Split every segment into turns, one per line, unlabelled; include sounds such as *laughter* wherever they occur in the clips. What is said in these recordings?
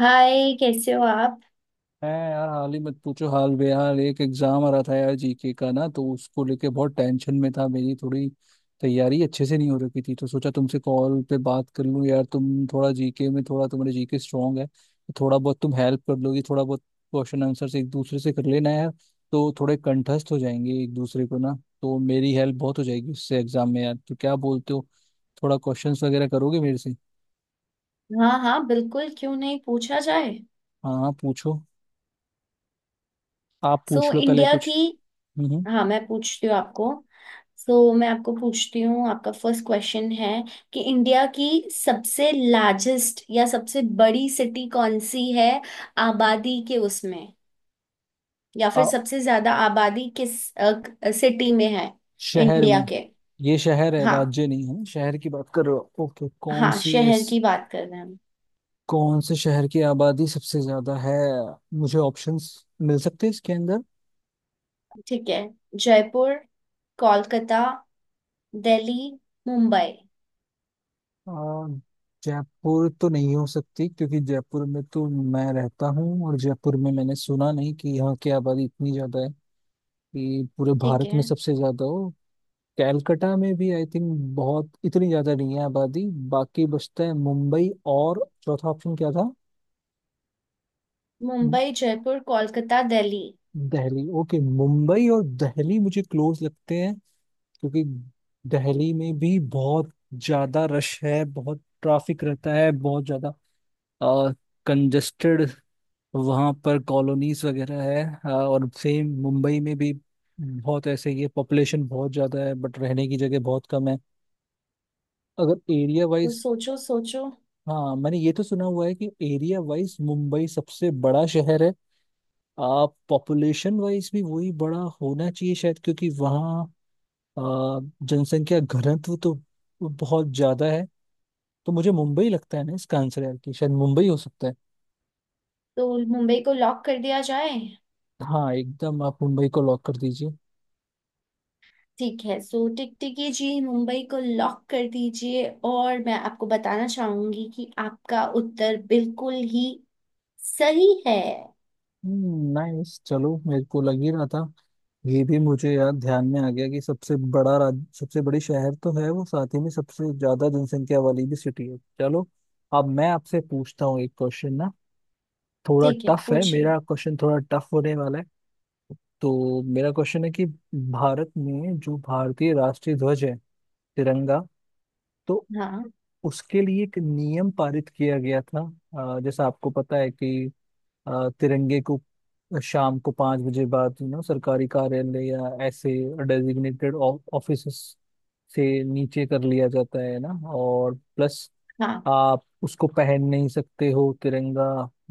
हाय, कैसे हो आप।
है यार, हाल ही मत पूछो, हाल बेहाल। एक एग्जाम आ रहा था यार, जीके का ना, तो उसको लेके बहुत टेंशन में था। मेरी थोड़ी तैयारी अच्छे से नहीं हो रखी थी, तो सोचा तुमसे कॉल पे बात कर लूं यार। तुम थोड़ा जीके में, थोड़ा तुम्हारे जीके स्ट्रांग है, तो थोड़ा बहुत तुम हेल्प कर लोगी। थोड़ा बहुत क्वेश्चन आंसर एक दूसरे से कर लेना यार, तो थोड़े कंठस्थ हो जाएंगे एक दूसरे को ना। तो मेरी हेल्प बहुत हो जाएगी उससे एग्जाम में यार। तो क्या बोलते हो, थोड़ा क्वेश्चंस वगैरह करोगे मेरे से?
हाँ हाँ, बिल्कुल, क्यों नहीं, पूछा जाए।
हाँ हाँ, पूछो। आप
सो
पूछ लो पहले
इंडिया की।
कुछ। हम्म।
हाँ, मैं पूछती हूँ आपको। सो मैं आपको पूछती हूँ, आपका फर्स्ट क्वेश्चन है कि इंडिया की सबसे लार्जेस्ट या सबसे बड़ी सिटी कौन सी है आबादी के उसमें। या फिर
हम्म।
सबसे ज्यादा आबादी किस सिटी में है
शहर में।
इंडिया के।
ये शहर है
हाँ
राज्य नहीं है, शहर की बात कर रहे हो? ओके। कौन
हाँ,
सी इस
शहर की बात कर रहे हैं हम।
कौन से शहर की आबादी सबसे ज्यादा है? मुझे ऑप्शंस मिल सकते हैं इसके अंदर?
ठीक है। जयपुर, कोलकाता, दिल्ली, मुंबई।
आ, जयपुर तो नहीं हो सकती, क्योंकि जयपुर में तो मैं रहता हूँ और जयपुर में मैंने सुना नहीं कि यहाँ की आबादी इतनी ज्यादा है कि पूरे
ठीक
भारत
है,
में सबसे ज्यादा हो। कैलकटा में भी आई थिंक बहुत इतनी ज्यादा नहीं है आबादी। बाकी बचता है मुंबई। और चौथा ऑप्शन क्या था?
मुंबई, जयपुर, कोलकाता, दिल्ली।
दिल्ली। ओके, मुंबई और दिल्ली मुझे क्लोज लगते हैं, क्योंकि दिल्ली में भी बहुत ज्यादा रश है, बहुत ट्रैफिक रहता है, बहुत ज्यादा कंजेस्टेड। वहाँ पर कॉलोनीज वगैरह है। और सेम मुंबई में भी बहुत ऐसे ही है। पॉपुलेशन बहुत ज्यादा है बट रहने की जगह बहुत कम है अगर एरिया
तो
वाइज।
सोचो सोचो।
हाँ, मैंने ये तो सुना हुआ है कि एरिया वाइज मुंबई सबसे बड़ा शहर है। आप पॉपुलेशन वाइज भी वही बड़ा होना चाहिए शायद, क्योंकि वहाँ अ, जनसंख्या घनत्व तो बहुत ज्यादा है। तो मुझे मुंबई लगता है ना इसका आंसर यार, कि शायद मुंबई हो सकता है।
तो मुंबई को लॉक कर दिया जाए।
हाँ एकदम, आप मुंबई को लॉक कर दीजिए।
ठीक है, सो टिकटिकी जी मुंबई को लॉक कर दीजिए, और मैं आपको बताना चाहूंगी कि आपका उत्तर बिल्कुल ही सही है।
नाइस, चलो। मेरे को लग ही रहा था। ये भी मुझे यार ध्यान में आ गया कि सबसे बड़ा राज सबसे बड़ी शहर तो है वो, साथ ही में सबसे ज्यादा जनसंख्या वाली भी सिटी है। चलो, अब मैं आपसे पूछता हूँ एक क्वेश्चन ना। थोड़ा
ठीक है,
टफ है
पूछिए।
मेरा क्वेश्चन, थोड़ा टफ होने वाला है। तो मेरा क्वेश्चन है कि भारत में जो भारतीय राष्ट्रीय ध्वज है, तिरंगा, तो
हाँ
उसके लिए एक नियम पारित किया गया था। जैसा आपको पता है कि तिरंगे को शाम को पाँच बजे बाद सरकारी कार्यालय या ऐसे डेजिग्नेटेड ऑफिस से नीचे कर लिया जाता है ना। और प्लस
हाँ।
आप उसको पहन नहीं सकते हो। तिरंगा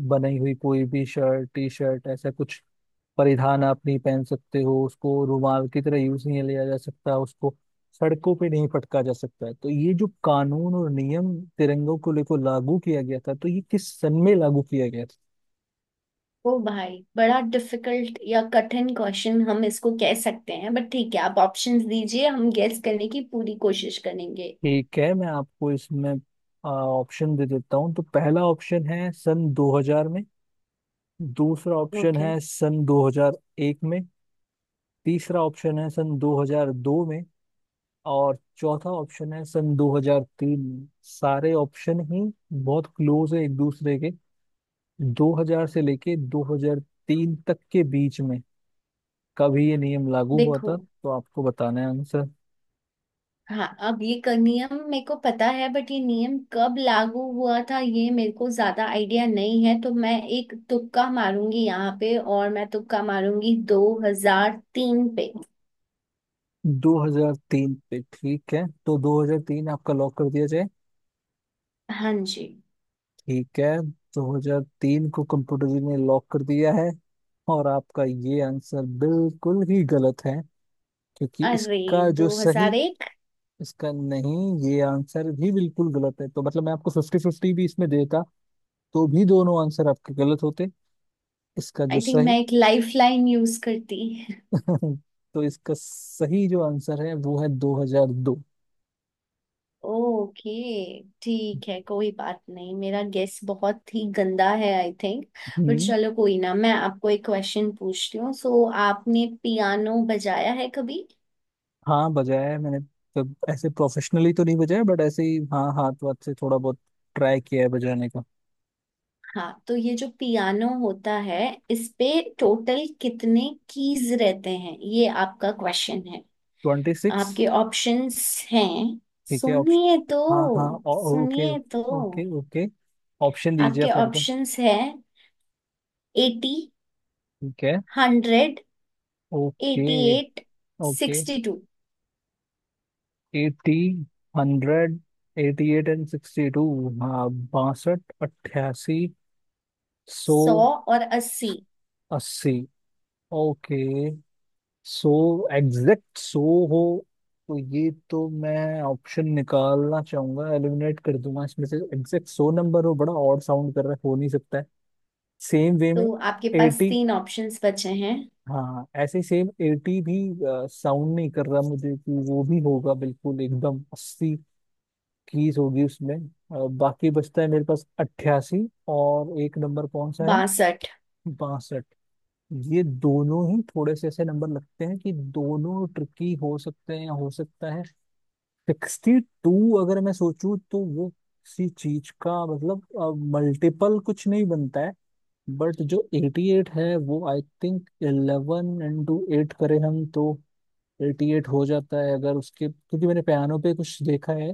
बनाई हुई कोई भी शर्ट, टी शर्ट, ऐसा कुछ परिधान आप नहीं पहन सकते हो। उसको रुमाल की तरह यूज नहीं लिया जा सकता, उसको सड़कों पे नहीं फटका जा सकता है। तो ये जो कानून और नियम तिरंगों को लेकर लागू किया गया था, तो ये किस सन में लागू किया गया था?
ओ भाई, बड़ा डिफिकल्ट या कठिन क्वेश्चन हम इसको कह सकते हैं, बट ठीक है, आप ऑप्शंस दीजिए, हम गेस करने की पूरी कोशिश करेंगे।
ठीक है, मैं आपको इसमें ऑप्शन दे देता हूँ। तो पहला ऑप्शन है सन 2000 में, दूसरा ऑप्शन
ओके।
है सन 2001 में, तीसरा ऑप्शन है सन 2002 में, और चौथा ऑप्शन है सन 2003 में। सारे ऑप्शन ही बहुत क्लोज है एक दूसरे के। 2000 से लेके 2003 तक के बीच में कब ये नियम लागू हुआ था,
देखो,
तो आपको बताना है आंसर।
हाँ, अब ये नियम मेरे को पता है, बट ये नियम कब लागू हुआ था ये मेरे को ज्यादा आइडिया नहीं है, तो मैं एक तुक्का मारूंगी यहाँ पे, और मैं तुक्का मारूंगी 2003 पे।
2003 पे? ठीक है, तो 2003 आपका लॉक कर दिया जाए।
हाँ जी।
ठीक है, 2003 को कंप्यूटर जी ने लॉक कर दिया है। और आपका ये आंसर बिल्कुल ही गलत है, क्योंकि
अरे,
इसका जो सही,
2001।
इसका नहीं, ये आंसर भी बिल्कुल गलत है। तो मतलब मैं आपको फिफ्टी फिफ्टी भी इसमें देता तो भी दोनों आंसर आपके गलत होते। इसका जो
आई थिंक
सही
मैं एक लाइफ लाइन यूज करती।
*laughs* तो इसका सही जो आंसर है वो है 2002।
ओके, ठीक है, कोई बात नहीं, मेरा गेस बहुत ही गंदा है आई थिंक। But
hmm.
चलो कोई ना, मैं आपको एक क्वेश्चन पूछती हूँ। सो आपने पियानो बजाया है कभी।
हाँ, बजाया है मैंने। जब ऐसे प्रोफेशनली तो नहीं बजाया, बट ऐसे ही, हाँ, हाथ वाथ से थोड़ा बहुत ट्राई किया है बजाने का।
हाँ, तो ये जो पियानो होता है इस पे टोटल कितने कीज रहते हैं, ये आपका क्वेश्चन है।
Twenty six.
आपके ऑप्शंस हैं।
ठीक है,
सुनिए तो,
ऑप्शन। हाँ हाँ, ओके
सुनिए तो।
ओके ओके, ऑप्शन दीजिए
आपके
आप मेरे को।
ऑप्शंस है एटी,
ठीक है।
Hundred, eighty
okay
eight,
okay.
Sixty two.
Eighty, hundred, eighty eight and sixty two. हाँ। बासठ, अट्ठासी,
सौ
सौ,
और अस्सी।
अस्सी। ओके। सो एग्जैक्ट सो हो, तो ये तो मैं ऑप्शन निकालना चाहूंगा, एलिमिनेट कर दूंगा इसमें से। एग्जैक्ट सो नंबर हो, बड़ा ऑड साउंड कर रहा है, हो नहीं सकता है। सेम वे में
तो आपके पास
एटी,
तीन ऑप्शंस बचे हैं।
हाँ ऐसे ही, सेम एटी भी साउंड नहीं कर रहा मुझे कि वो भी होगा, बिल्कुल एकदम अस्सी कीज होगी उसमें। बाकी बचता है मेरे पास अट्ठासी और एक नंबर, कौन सा है?
बासठ।
बासठ। ये दोनों ही थोड़े से ऐसे नंबर लगते हैं कि दोनों ट्रिकी हो सकते हैं। या हो सकता है सिक्सटी टू अगर मैं सोचूं तो वो किसी चीज का मतलब मल्टीपल कुछ नहीं बनता है। बट जो एटी एट है, वो I think eleven into eight करें हम, तो एटी एट हो जाता है। अगर उसके, क्योंकि मैंने पियानो पे कुछ देखा है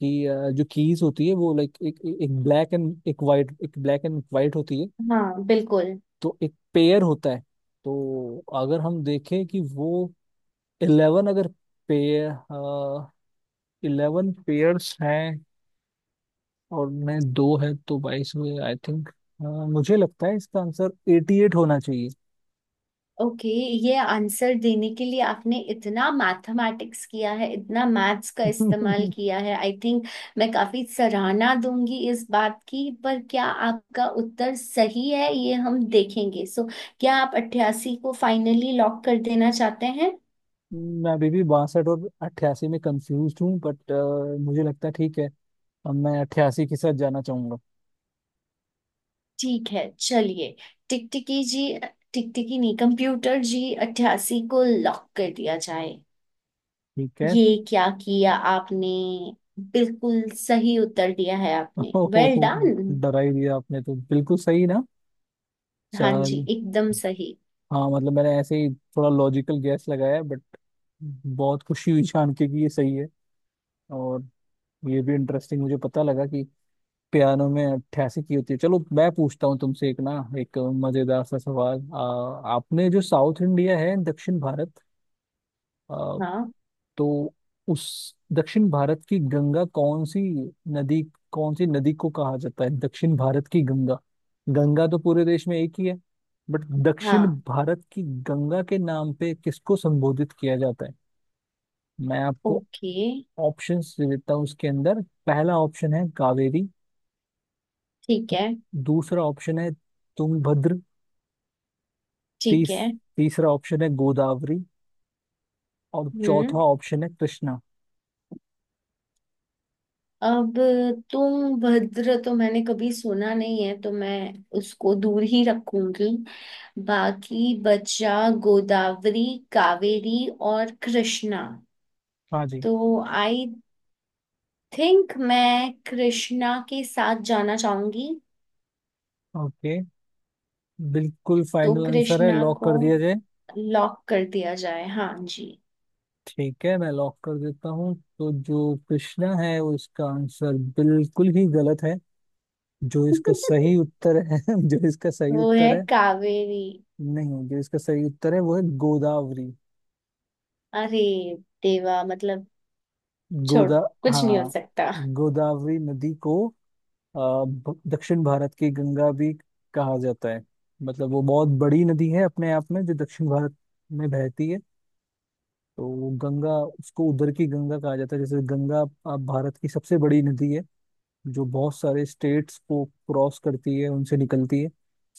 कि जो कीज होती है वो लाइक एक एक ब्लैक एंड एक वाइट, एक ब्लैक एंड वाइट होती है।
हाँ बिल्कुल।
तो एक पेयर होता है। तो अगर हम देखें कि वो इलेवन, अगर पेयर, इलेवन पेयर्स हैं, और मैं दो है तो बाईस हुए आई थिंक। मुझे लगता है इसका आंसर एटी एट होना चाहिए।
ओके। ये आंसर देने के लिए आपने इतना मैथमेटिक्स किया है, इतना मैथ्स का इस्तेमाल
*laughs*
किया है आई थिंक। मैं काफी सराहना दूंगी इस बात की, पर क्या आपका उत्तर सही है ये हम देखेंगे। सो क्या आप अट्ठासी को फाइनली लॉक कर देना चाहते हैं।
मैं अभी भी बासठ और अट्ठासी में कंफ्यूज हूँ, बट मुझे लगता है ठीक है, अब मैं अट्ठासी के साथ जाना चाहूंगा।
ठीक है, चलिए, टिकटिकी जी, टिकटिकी नहीं कंप्यूटर जी, अट्ठासी को लॉक कर दिया जाए।
ठीक है।
ये क्या किया आपने, बिल्कुल सही उत्तर दिया है
*laughs*
आपने, वेल
ओहो,
डन।
डरा ही दिया आपने तो। बिल्कुल सही ना,
हाँ जी,
चल।
एकदम सही।
हाँ मतलब मैंने ऐसे ही थोड़ा लॉजिकल गैस लगाया, बट बहुत खुशी हुई जान के कि ये सही है। और ये भी इंटरेस्टिंग मुझे पता लगा कि पियानो में अट्ठासी की होती है। चलो, मैं पूछता हूँ तुमसे एक ना, एक मजेदार सा सवाल। आपने जो साउथ इंडिया है, दक्षिण भारत, आ,
हाँ
तो उस दक्षिण भारत की गंगा कौन सी नदी, कौन सी नदी को कहा जाता है दक्षिण भारत की गंगा? गंगा तो पूरे देश में एक ही है, बट दक्षिण
हाँ,
भारत की गंगा के नाम पे किसको संबोधित किया जाता है? मैं आपको
ओके।
ऑप्शंस दे देता हूँ उसके अंदर। पहला ऑप्शन है कावेरी,
ठीक है,
दूसरा ऑप्शन है तुंगभद्र,
ठीक
तीस
है।
तीसरा ऑप्शन है गोदावरी, और चौथा
हम्म।
ऑप्शन है कृष्णा।
अब तुम भद्र तो मैंने कभी सुना नहीं है, तो मैं उसको दूर ही रखूंगी। बाकी बचा गोदावरी, कावेरी और कृष्णा।
हाँ जी।
तो आई थिंक मैं कृष्णा के साथ जाना चाहूंगी।
ओके, बिल्कुल
तो
फाइनल आंसर है,
कृष्णा
लॉक
को
कर दिया जाए?
लॉक कर दिया जाए, हाँ जी।
ठीक है, मैं लॉक कर देता हूँ। तो जो कृष्णा है वो इसका आंसर बिल्कुल ही गलत है। जो इसका
*laughs*
सही उत्तर है *laughs* जो इसका सही
वो
उत्तर
है
है,
कावेरी।
नहीं, जो इसका सही उत्तर है वो है गोदावरी।
अरे देवा, मतलब छोड़,
गोदा।
कुछ नहीं हो
हाँ।
सकता।
गोदावरी नदी को दक्षिण भारत की गंगा भी कहा जाता है। मतलब वो बहुत बड़ी नदी है अपने आप में, जो दक्षिण भारत में बहती है। तो वो गंगा, उसको उधर की गंगा कहा जाता है। जैसे गंगा भारत की सबसे बड़ी नदी है, जो बहुत सारे स्टेट्स को क्रॉस करती है, उनसे निकलती है।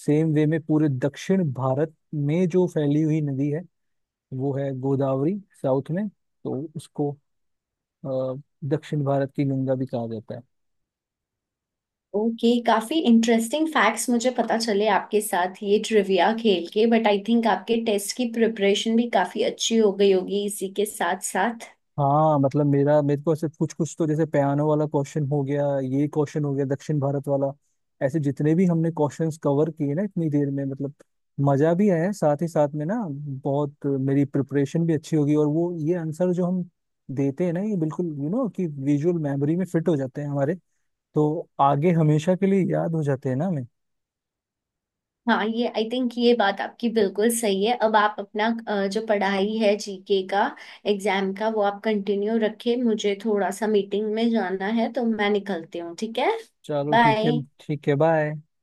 सेम वे में पूरे दक्षिण भारत में जो फैली हुई नदी है वो है गोदावरी साउथ में। तो उसको अ, दक्षिण भारत की गंगा भी कहा जाता है।
ओके, काफी इंटरेस्टिंग फैक्ट्स मुझे पता चले आपके साथ ये ट्रिविया खेल के, बट आई थिंक आपके टेस्ट की प्रिपरेशन भी काफी अच्छी हो गई होगी इसी के साथ साथ।
हाँ मतलब मेरा मेरे को ऐसे कुछ कुछ तो, जैसे पियानो वाला क्वेश्चन हो गया, ये क्वेश्चन हो गया दक्षिण भारत वाला, ऐसे जितने भी हमने क्वेश्चंस कवर किए ना इतनी देर में, मतलब मजा भी आया साथ ही साथ में ना। बहुत मेरी प्रिपरेशन भी अच्छी होगी। और वो ये आंसर जो हम देते हैं ना, ये बिल्कुल कि विजुअल मेमोरी में फिट हो जाते हैं हमारे। तो आगे हमेशा के लिए याद हो जाते हैं ना हमें।
हाँ, ये आई थिंक ये बात आपकी बिल्कुल सही है। अब आप अपना जो पढ़ाई है जीके का एग्जाम का वो आप कंटिन्यू रखें, मुझे थोड़ा सा मीटिंग में जाना है तो मैं निकलती हूँ, ठीक है।
चलो ठीक है।
बाय।
ठीक है, बाय।